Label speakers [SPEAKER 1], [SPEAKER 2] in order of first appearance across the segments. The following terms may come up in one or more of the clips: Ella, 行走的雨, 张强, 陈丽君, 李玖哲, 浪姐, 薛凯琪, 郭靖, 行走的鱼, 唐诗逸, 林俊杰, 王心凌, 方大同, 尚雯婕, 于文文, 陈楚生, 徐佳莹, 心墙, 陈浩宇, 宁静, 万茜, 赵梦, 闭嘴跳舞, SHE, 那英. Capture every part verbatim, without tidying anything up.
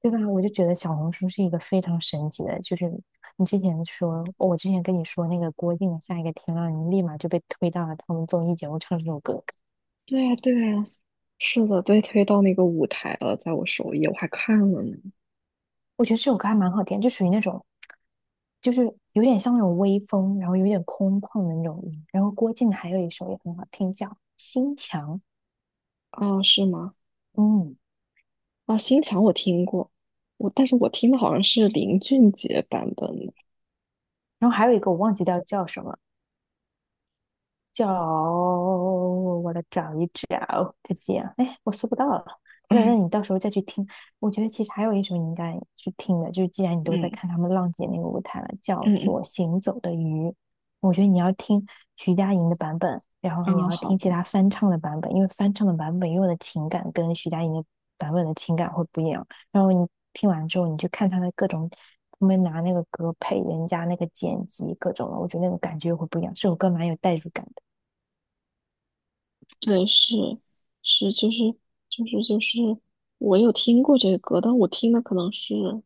[SPEAKER 1] 对吧？我就觉得小红书是一个非常神奇的，就是你之前说，我之前跟你说那个郭靖的下一个天亮，你立马就被推到了他们综艺节目唱这首歌。
[SPEAKER 2] 对呀，对呀，是的，对，推到那个舞台了，在我首页，我还看了呢。
[SPEAKER 1] 我觉得这首歌还蛮好听，就属于那种，就是有点像那种微风，然后有点空旷的那种音然后郭靖还有一首也很好听，叫《心墙》，
[SPEAKER 2] 啊，是吗？
[SPEAKER 1] 嗯，
[SPEAKER 2] 啊，新墙我听过，我但是我听的好像是林俊杰版本的。
[SPEAKER 1] 然后还有一个我忘记掉叫什么，叫我来找一找，再见。哎，我搜不到了。那那
[SPEAKER 2] 嗯
[SPEAKER 1] 你到时候再去听。我觉得其实还有一首你应该去听的，就是既然你都在
[SPEAKER 2] 嗯
[SPEAKER 1] 看他们浪姐那个舞台了，叫
[SPEAKER 2] 嗯
[SPEAKER 1] 做《行走的鱼》。我觉得你要听徐佳莹的版本，然后
[SPEAKER 2] 嗯。
[SPEAKER 1] 你
[SPEAKER 2] 啊，
[SPEAKER 1] 要
[SPEAKER 2] 好
[SPEAKER 1] 听其
[SPEAKER 2] 的，
[SPEAKER 1] 他翻唱的版本，因为翻唱的版本用的情感跟徐佳莹的版本的情感会不一样。然后你听完之后，你去看他的各种，他们拿那个歌配人家那个剪辑各种的，我觉得那个感觉会不一样。这首歌蛮有代入感的。
[SPEAKER 2] 对，是是，就是就是就是，我有听过这个歌，但我听的可能是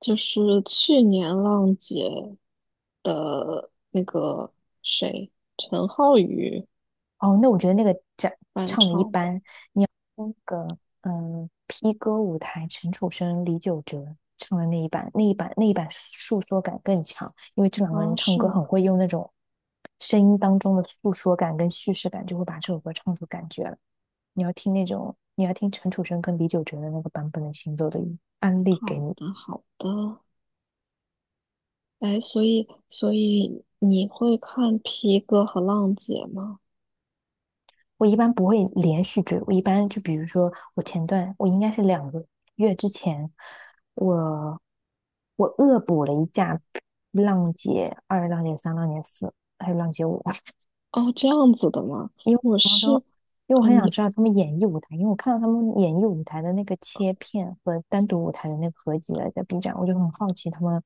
[SPEAKER 2] 就是去年浪姐的那个谁，陈浩宇
[SPEAKER 1] 哦，那我觉得那个讲
[SPEAKER 2] 翻
[SPEAKER 1] 唱的一
[SPEAKER 2] 唱的。
[SPEAKER 1] 般，那个嗯，P 歌舞台陈楚生、李玖哲唱的那一版，那一版那一版诉说感更强，因为这两个人
[SPEAKER 2] 啊，
[SPEAKER 1] 唱
[SPEAKER 2] 是
[SPEAKER 1] 歌
[SPEAKER 2] 吗？
[SPEAKER 1] 很会用那种声音当中的诉说感跟叙事感，就会把这首歌唱出感觉了。你要听那种，你要听陈楚生跟李玖哲的那个版本的《行走的雨》，安利
[SPEAKER 2] 好
[SPEAKER 1] 给你。
[SPEAKER 2] 的，好的。哎，所以，所以你会看皮哥和浪姐吗？
[SPEAKER 1] 我一般不会连续追，我一般就比如说，我前段我应该是两个月之前，我我恶补了一架浪姐二、浪姐三、浪姐四，还有浪姐五，
[SPEAKER 2] 哦，这样子的吗？
[SPEAKER 1] 因为
[SPEAKER 2] 我
[SPEAKER 1] 我当
[SPEAKER 2] 是，
[SPEAKER 1] 中，因为我
[SPEAKER 2] 啊，
[SPEAKER 1] 很想
[SPEAKER 2] 你，
[SPEAKER 1] 知道他们演绎舞台，因为我看到他们演绎舞台的那个切片和单独舞台的那个合集了，在 B 站，我就很好奇他们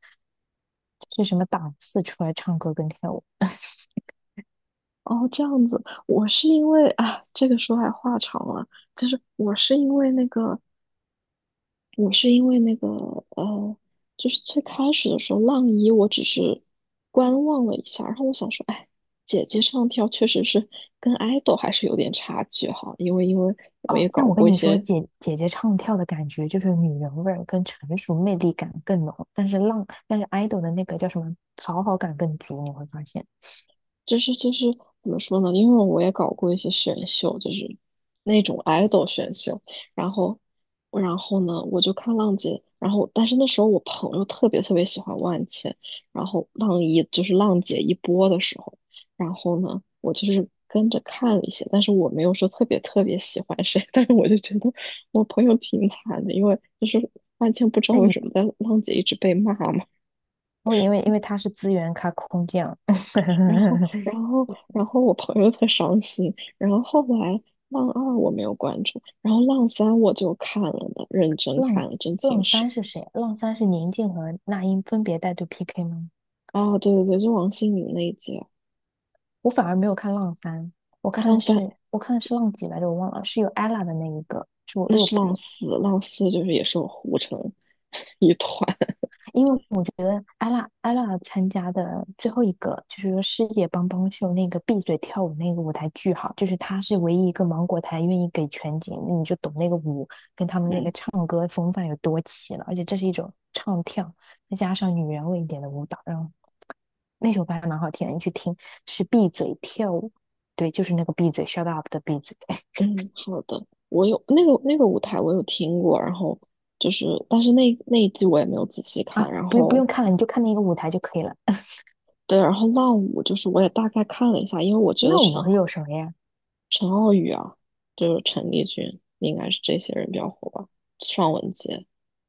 [SPEAKER 1] 是什么档次出来唱歌跟跳舞。
[SPEAKER 2] 哦，这样子，我是因为，啊，这个说来话长了，就是我是因为那个，我是因为那个，呃，就是最开始的时候，浪一我只是观望了一下，然后我想说，哎，姐姐唱跳确实是跟 idol 还是有点差距哈。因为因为我
[SPEAKER 1] 哦，
[SPEAKER 2] 也搞
[SPEAKER 1] 但我
[SPEAKER 2] 过
[SPEAKER 1] 跟
[SPEAKER 2] 一
[SPEAKER 1] 你说，
[SPEAKER 2] 些，
[SPEAKER 1] 姐姐姐唱跳的感觉就是女人味儿跟成熟魅力感更浓，但是浪，但是 idol 的那个叫什么讨好感更足，你会发现。
[SPEAKER 2] 就是就是怎么说呢？因为我也搞过一些选秀，就是那种 idol 选秀。然后然后呢，我就看浪姐，然后但是那时候我朋友特别特别喜欢万茜，然后浪一就是浪姐一播的时候，然后呢，我就是跟着看了一些，但是我没有说特别特别喜欢谁，但是我就觉得我朋友挺惨的，因为就是万茜不知道
[SPEAKER 1] 那
[SPEAKER 2] 为
[SPEAKER 1] 你
[SPEAKER 2] 什么在浪姐一直被骂嘛。
[SPEAKER 1] 哦，因为因为他是资源咖空降，
[SPEAKER 2] 然后，然后，然后我朋友特伤心。然后后来浪二我没有关注，然后浪三我就看了的，认真
[SPEAKER 1] 浪
[SPEAKER 2] 看了《真
[SPEAKER 1] 浪
[SPEAKER 2] 情实》。
[SPEAKER 1] 三是谁？浪三是宁静和那英分别带队 P K 吗？
[SPEAKER 2] 啊，对对对，就王心凌那一集啊。
[SPEAKER 1] 我反而没有看浪三，我
[SPEAKER 2] 哎，
[SPEAKER 1] 看
[SPEAKER 2] 浪
[SPEAKER 1] 的
[SPEAKER 2] 三，
[SPEAKER 1] 是我看的是浪几来着，我忘了，是有 ella 的那一个，是我
[SPEAKER 2] 那
[SPEAKER 1] 恶
[SPEAKER 2] 是浪
[SPEAKER 1] 补。
[SPEAKER 2] 四，浪四就是也是我糊成 一团。
[SPEAKER 1] 因为我觉得艾拉艾拉参加的最后一个就是说世界帮帮秀那个闭嘴跳舞那个舞台巨好，就是她是唯一一个芒果台愿意给全景，你就懂那个舞跟他们那个
[SPEAKER 2] 嗯
[SPEAKER 1] 唱歌风范有多齐了，而且这是一种唱跳，再加上女人味一点的舞蹈，然后那首歌还蛮好听的，你去听是闭嘴跳舞，对，就是那个闭嘴 shut up 的闭嘴
[SPEAKER 2] 嗯，好的。我有那个那个舞台我有听过，然后就是，但是那那一季我也没有仔细看。
[SPEAKER 1] 啊，
[SPEAKER 2] 然
[SPEAKER 1] 不用不
[SPEAKER 2] 后
[SPEAKER 1] 用看了，你就看那个舞台就可以了。
[SPEAKER 2] 对，然后浪五就是我也大概看了一下，因为我觉得
[SPEAKER 1] 那
[SPEAKER 2] 陈
[SPEAKER 1] 我有什么呀？
[SPEAKER 2] 陈浩宇啊，就是陈丽君，应该是这些人比较火吧。尚雯婕，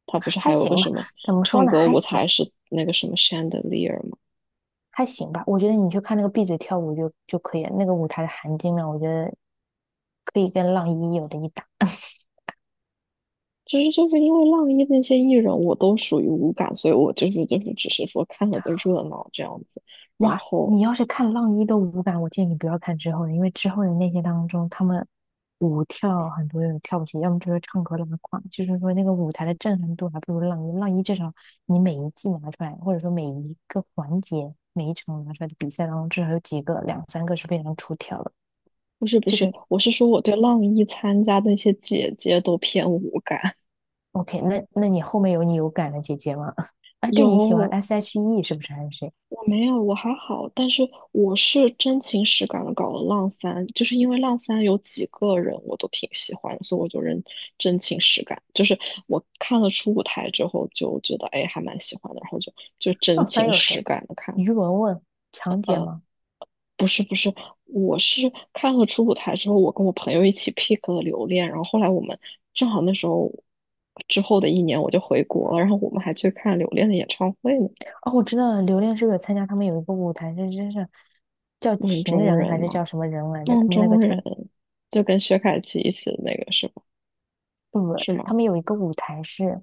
[SPEAKER 2] 她不是
[SPEAKER 1] 还
[SPEAKER 2] 还有个
[SPEAKER 1] 行吧，
[SPEAKER 2] 什么
[SPEAKER 1] 怎么说
[SPEAKER 2] 唱
[SPEAKER 1] 呢？
[SPEAKER 2] 歌
[SPEAKER 1] 还
[SPEAKER 2] 舞
[SPEAKER 1] 行。
[SPEAKER 2] 台是那个什么 chandelier 吗？
[SPEAKER 1] 还行吧。我觉得你去看那个闭嘴跳舞就就可以了，那个舞台的含金量，我觉得可以跟浪一有的一搭。
[SPEAKER 2] 就是就是因为浪一那些艺人，我都属于无感，所以我就是就是只是说看了个热闹这样子。然
[SPEAKER 1] 哇，
[SPEAKER 2] 后
[SPEAKER 1] 你要是看浪一的舞感，我建议你不要看之后的，因为之后的那些当中，他们舞跳很多人跳不起，要么就是唱歌拉胯，就是说那个舞台的震撼度还不如浪一。浪一至少你每一季拿出来，或者说每一个环节、每一场拿出来的比赛当中，至少有几个、两三个是非常出挑的。
[SPEAKER 2] 不是不
[SPEAKER 1] 就
[SPEAKER 2] 是，
[SPEAKER 1] 是
[SPEAKER 2] 我是说我对浪一参加的那些姐姐都偏无感。
[SPEAKER 1] OK，那那你后面有你有感的姐姐吗？哎，但你喜欢
[SPEAKER 2] 有
[SPEAKER 1] S H E 是不是还是谁？
[SPEAKER 2] 我没有，我还好，但是我是真情实感的搞了浪三，就是因为浪三有几个人我都挺喜欢的，所以我就认真情实感，就是我看了初舞台之后就觉得哎还蛮喜欢的，然后就就真
[SPEAKER 1] 那翻
[SPEAKER 2] 情
[SPEAKER 1] 有谁？
[SPEAKER 2] 实感的看。
[SPEAKER 1] 于文文、强姐吗？
[SPEAKER 2] 不是不是，我是看了初舞台之后，我跟我朋友一起 pick 了留恋，然后后来我们正好那时候之后的一年我就回国了，然后我们还去看留恋的演唱会呢，
[SPEAKER 1] 哦，我知道了，榴莲是不是有参加他们有一个舞台，这真是叫
[SPEAKER 2] 梦
[SPEAKER 1] 情
[SPEAKER 2] 中
[SPEAKER 1] 人
[SPEAKER 2] 人
[SPEAKER 1] 还是叫
[SPEAKER 2] 嘛。
[SPEAKER 1] 什么人来着？
[SPEAKER 2] 梦
[SPEAKER 1] 他们那个
[SPEAKER 2] 中
[SPEAKER 1] 穿
[SPEAKER 2] 人就跟薛凯琪一起的那个是吧？
[SPEAKER 1] 不不，
[SPEAKER 2] 是
[SPEAKER 1] 他
[SPEAKER 2] 吗？
[SPEAKER 1] 们有一个舞台是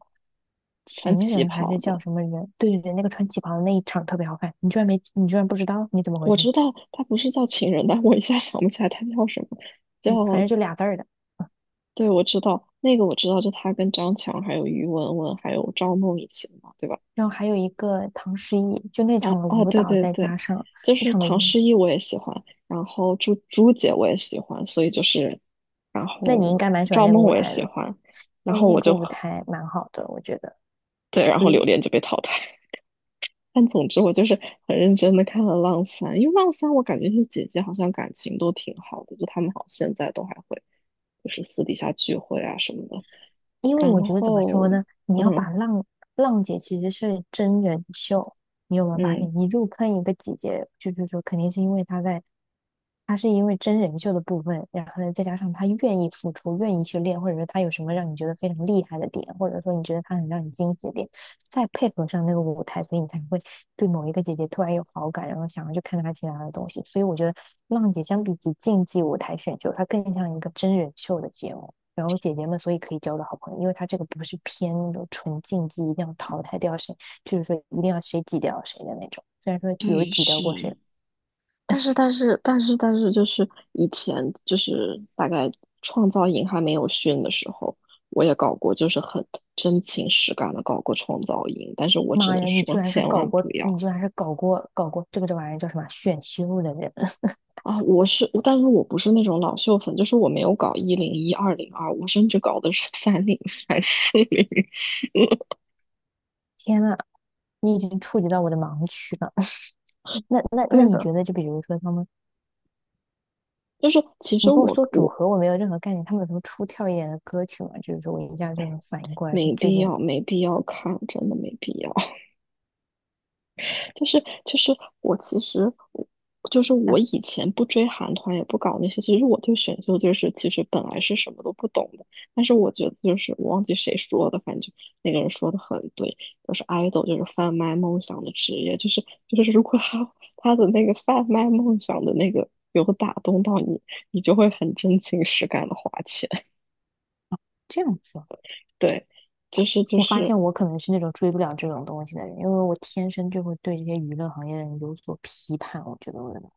[SPEAKER 2] 穿
[SPEAKER 1] 情
[SPEAKER 2] 旗
[SPEAKER 1] 人还
[SPEAKER 2] 袍
[SPEAKER 1] 是叫
[SPEAKER 2] 的，
[SPEAKER 1] 什么人？对对对，那个穿旗袍的那一场特别好看，你居然没你居然不知道，你怎么回
[SPEAKER 2] 我
[SPEAKER 1] 事？
[SPEAKER 2] 知道他不是叫情人，但我一下想不起来他叫什么，叫，
[SPEAKER 1] 对，反正就俩字儿的。
[SPEAKER 2] 对，我知道那个我知道，就他跟张强还有于文文还有赵梦一起的嘛，对吧？
[SPEAKER 1] 然后还有一个唐诗逸，就那
[SPEAKER 2] 啊
[SPEAKER 1] 场的
[SPEAKER 2] 啊，
[SPEAKER 1] 舞
[SPEAKER 2] 对
[SPEAKER 1] 蹈，
[SPEAKER 2] 对
[SPEAKER 1] 再
[SPEAKER 2] 对，
[SPEAKER 1] 加上
[SPEAKER 2] 就
[SPEAKER 1] 那
[SPEAKER 2] 是
[SPEAKER 1] 场的
[SPEAKER 2] 唐
[SPEAKER 1] 舞。
[SPEAKER 2] 诗逸我也喜欢，然后朱朱姐我也喜欢，所以就是，然
[SPEAKER 1] 那你应
[SPEAKER 2] 后
[SPEAKER 1] 该蛮喜欢
[SPEAKER 2] 赵
[SPEAKER 1] 那个
[SPEAKER 2] 梦
[SPEAKER 1] 舞
[SPEAKER 2] 我也
[SPEAKER 1] 台
[SPEAKER 2] 喜
[SPEAKER 1] 的，
[SPEAKER 2] 欢，
[SPEAKER 1] 因
[SPEAKER 2] 然
[SPEAKER 1] 为
[SPEAKER 2] 后
[SPEAKER 1] 那
[SPEAKER 2] 我
[SPEAKER 1] 个
[SPEAKER 2] 就
[SPEAKER 1] 舞
[SPEAKER 2] 很
[SPEAKER 1] 台蛮好的，我觉得
[SPEAKER 2] 对，然
[SPEAKER 1] 所
[SPEAKER 2] 后
[SPEAKER 1] 以。属
[SPEAKER 2] 榴
[SPEAKER 1] 于
[SPEAKER 2] 莲就被淘汰。但总之，我就是很认真的看了《浪三》，因为《浪三》我感觉是姐姐好像感情都挺好的，就他们好像现在都还会就是私底下聚会啊什么的。
[SPEAKER 1] 因为我
[SPEAKER 2] 然
[SPEAKER 1] 觉得怎么说
[SPEAKER 2] 后，
[SPEAKER 1] 呢？你要把
[SPEAKER 2] 嗯
[SPEAKER 1] 浪浪姐其实是真人秀，你有没有发
[SPEAKER 2] 嗯，
[SPEAKER 1] 现？你入坑一个姐姐，就是说肯定是因为她在，她是因为真人秀的部分，然后呢再加上她愿意付出，愿意去练，或者说她有什么让你觉得非常厉害的点，或者说你觉得她很让你惊喜的点，再配合上那个舞台，所以你才会对某一个姐姐突然有好感，然后想要去看她其他的东西。所以我觉得浪姐相比起竞技舞台选秀，它更像一个真人秀的节目。然后姐姐们所以可以交到好朋友，因为他这个不是偏那种纯竞技，一定要淘汰掉谁，就是说一定要谁挤掉谁的那种。虽然说有
[SPEAKER 2] 对，
[SPEAKER 1] 挤掉过谁，
[SPEAKER 2] 是，但是但是但是但是，就是以前就是大概创造营还没有训的时候，我也搞过，就是很真情实感的搞过创造营，但是我只
[SPEAKER 1] 妈
[SPEAKER 2] 能
[SPEAKER 1] 呀，你居
[SPEAKER 2] 说
[SPEAKER 1] 然是
[SPEAKER 2] 千
[SPEAKER 1] 搞
[SPEAKER 2] 万
[SPEAKER 1] 过，
[SPEAKER 2] 不
[SPEAKER 1] 你
[SPEAKER 2] 要。
[SPEAKER 1] 居然是搞过搞过这个这玩意儿叫什么选秀的人，
[SPEAKER 2] 啊，我是，我但是我不是那种老秀粉，就是我没有搞一零一、二零二，我甚至搞的是 三零三、四零。
[SPEAKER 1] 天呐，你已经触及到我的盲区了。那那那
[SPEAKER 2] 对
[SPEAKER 1] 你
[SPEAKER 2] 的，
[SPEAKER 1] 觉得，就比如说他们，
[SPEAKER 2] 就是其
[SPEAKER 1] 你
[SPEAKER 2] 实
[SPEAKER 1] 跟我
[SPEAKER 2] 我
[SPEAKER 1] 说组
[SPEAKER 2] 我
[SPEAKER 1] 合，我没有任何概念，他们有什么出挑一点的歌曲吗？就是说我一下就能反应过来是
[SPEAKER 2] 没
[SPEAKER 1] 最
[SPEAKER 2] 必
[SPEAKER 1] 近
[SPEAKER 2] 要，没必要看，真的没必要。就是就是我其实我就是
[SPEAKER 1] 啊
[SPEAKER 2] 我以前不追韩团，也不搞那些。其实我对选秀就是其实本来是什么都不懂的，但是我觉得就是我忘记谁说的，反正那个人说的很对，就是 idol 就是贩卖梦想的职业，就是就是如果他他的那个贩卖梦想的那个有打动到你，你就会很真情实感的花钱。
[SPEAKER 1] 这样子。
[SPEAKER 2] 对，就是就
[SPEAKER 1] 我发
[SPEAKER 2] 是
[SPEAKER 1] 现我可能是那种追不了这种东西的人，因为我天生就会对这些娱乐行业的人有所批判。我觉得我的脑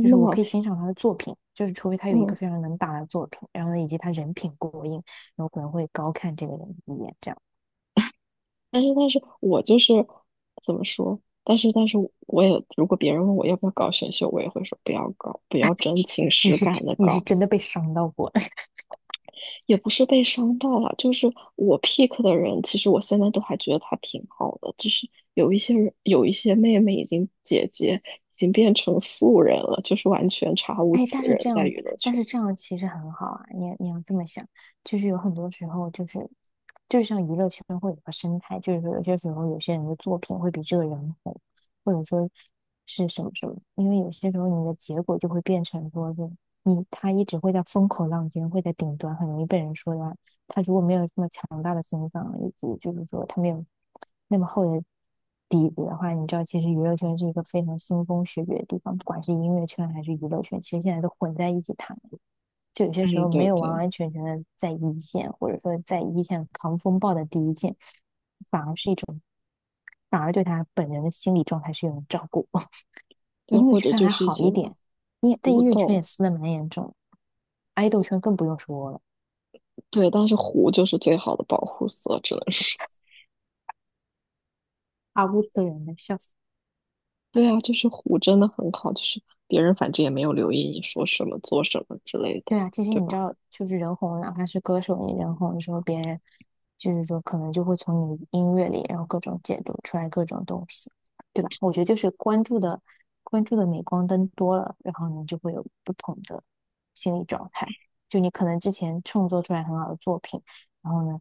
[SPEAKER 1] 就
[SPEAKER 2] 的
[SPEAKER 1] 是我
[SPEAKER 2] 吗？
[SPEAKER 1] 可以欣赏他的作品，就是除非他有一个
[SPEAKER 2] 嗯，
[SPEAKER 1] 非常能打的作品，然后呢，以及他人品过硬，然后可能会高看这个人一眼。这样，
[SPEAKER 2] 但是，但是我就是怎么说？但是，但是我也，如果别人问我要不要搞选秀，我也会说不要搞，不要真情
[SPEAKER 1] 你
[SPEAKER 2] 实
[SPEAKER 1] 是真
[SPEAKER 2] 感的
[SPEAKER 1] 你是
[SPEAKER 2] 搞。
[SPEAKER 1] 真的被伤到过。
[SPEAKER 2] 也不是被伤到了，就是我 pick 的人，其实我现在都还觉得他挺好的，只是有一些人，有一些妹妹已经姐姐已经变成素人了，就是完全查无
[SPEAKER 1] 哎，
[SPEAKER 2] 此
[SPEAKER 1] 但是
[SPEAKER 2] 人
[SPEAKER 1] 这
[SPEAKER 2] 在
[SPEAKER 1] 样，
[SPEAKER 2] 娱乐
[SPEAKER 1] 但
[SPEAKER 2] 圈。
[SPEAKER 1] 是这样其实很好啊。你你要这么想，就是有很多时候，就是就像娱乐圈会有个生态，就是说有些时候有些人的作品会比这个人红，或者说是什么什么。因为有些时候你的结果就会变成说是你他一直会在风口浪尖，会在顶端，很容易被人说他他如果没有这么强大的心脏，以及就是说他没有那么厚的底子的话，你知道，其实娱乐圈是一个非常腥风血雨的地方，不管是音乐圈还是娱乐圈，其实现在都混在一起谈，就有些时
[SPEAKER 2] 嗯，
[SPEAKER 1] 候没
[SPEAKER 2] 对
[SPEAKER 1] 有完
[SPEAKER 2] 对
[SPEAKER 1] 完全全的在一线，或者说在一线扛风暴的第一线，反而是一种，反而对他本人的心理状态是一种照顾。
[SPEAKER 2] 对，
[SPEAKER 1] 音乐
[SPEAKER 2] 或者
[SPEAKER 1] 圈
[SPEAKER 2] 就
[SPEAKER 1] 还
[SPEAKER 2] 是一
[SPEAKER 1] 好
[SPEAKER 2] 些
[SPEAKER 1] 一点，音但
[SPEAKER 2] 胡
[SPEAKER 1] 音乐圈也
[SPEAKER 2] 豆，
[SPEAKER 1] 撕的蛮严重，爱豆圈更不用说了，
[SPEAKER 2] 对，但是胡就是最好的保护色，只能说。
[SPEAKER 1] 阿乌斯人的笑死。
[SPEAKER 2] 对啊，就是虎真的很好，就是别人反正也没有留意你说什么、做什么之类的，
[SPEAKER 1] 对啊，其实
[SPEAKER 2] 对
[SPEAKER 1] 你知
[SPEAKER 2] 吧？
[SPEAKER 1] 道，就是人红，哪怕是歌手，你人红的时候，别人就是说，可能就会从你音乐里，然后各种解读出来各种东西，对吧？我觉得就是关注的关注的镁光灯多了，然后你就会有不同的心理状态。就你可能之前创作出来很好的作品，然后呢，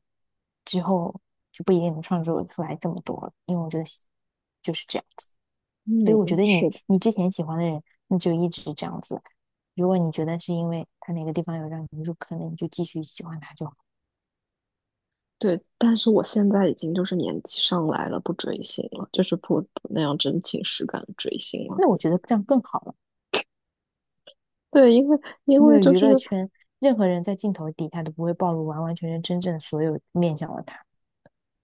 [SPEAKER 1] 之后就不一定能创作出来这么多了，因为我觉得就是这样子。所以
[SPEAKER 2] 嗯，
[SPEAKER 1] 我觉得你
[SPEAKER 2] 是的，
[SPEAKER 1] 你之前喜欢的人，那就一直这样子。如果你觉得是因为他哪个地方有让你入坑的，你就继续喜欢他就好。
[SPEAKER 2] 对，但是我现在已经就是年纪上来了，不追星了，就是不不那样真情实感的追星了。
[SPEAKER 1] 那我觉得这样更好了，
[SPEAKER 2] 对，因为因
[SPEAKER 1] 因
[SPEAKER 2] 为
[SPEAKER 1] 为
[SPEAKER 2] 就
[SPEAKER 1] 娱
[SPEAKER 2] 是，
[SPEAKER 1] 乐圈任何人在镜头底下都不会暴露完完全全真正所有面向的他。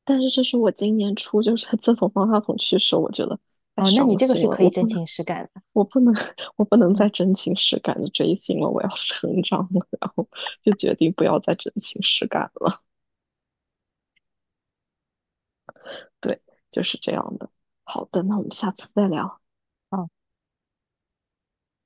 [SPEAKER 2] 但是这是我今年初，就是 自从方大同去世，我觉得太
[SPEAKER 1] 哦，那你
[SPEAKER 2] 伤
[SPEAKER 1] 这个
[SPEAKER 2] 心
[SPEAKER 1] 是
[SPEAKER 2] 了，
[SPEAKER 1] 可
[SPEAKER 2] 我
[SPEAKER 1] 以
[SPEAKER 2] 不
[SPEAKER 1] 真
[SPEAKER 2] 能，
[SPEAKER 1] 情实感的。
[SPEAKER 2] 我不能，我不能
[SPEAKER 1] 嗯，
[SPEAKER 2] 再真情实感的追星了，我要 成长了，然后就决定不要再真情实感了。对，就是这样的。好的，那我们下次再聊。
[SPEAKER 1] 哦，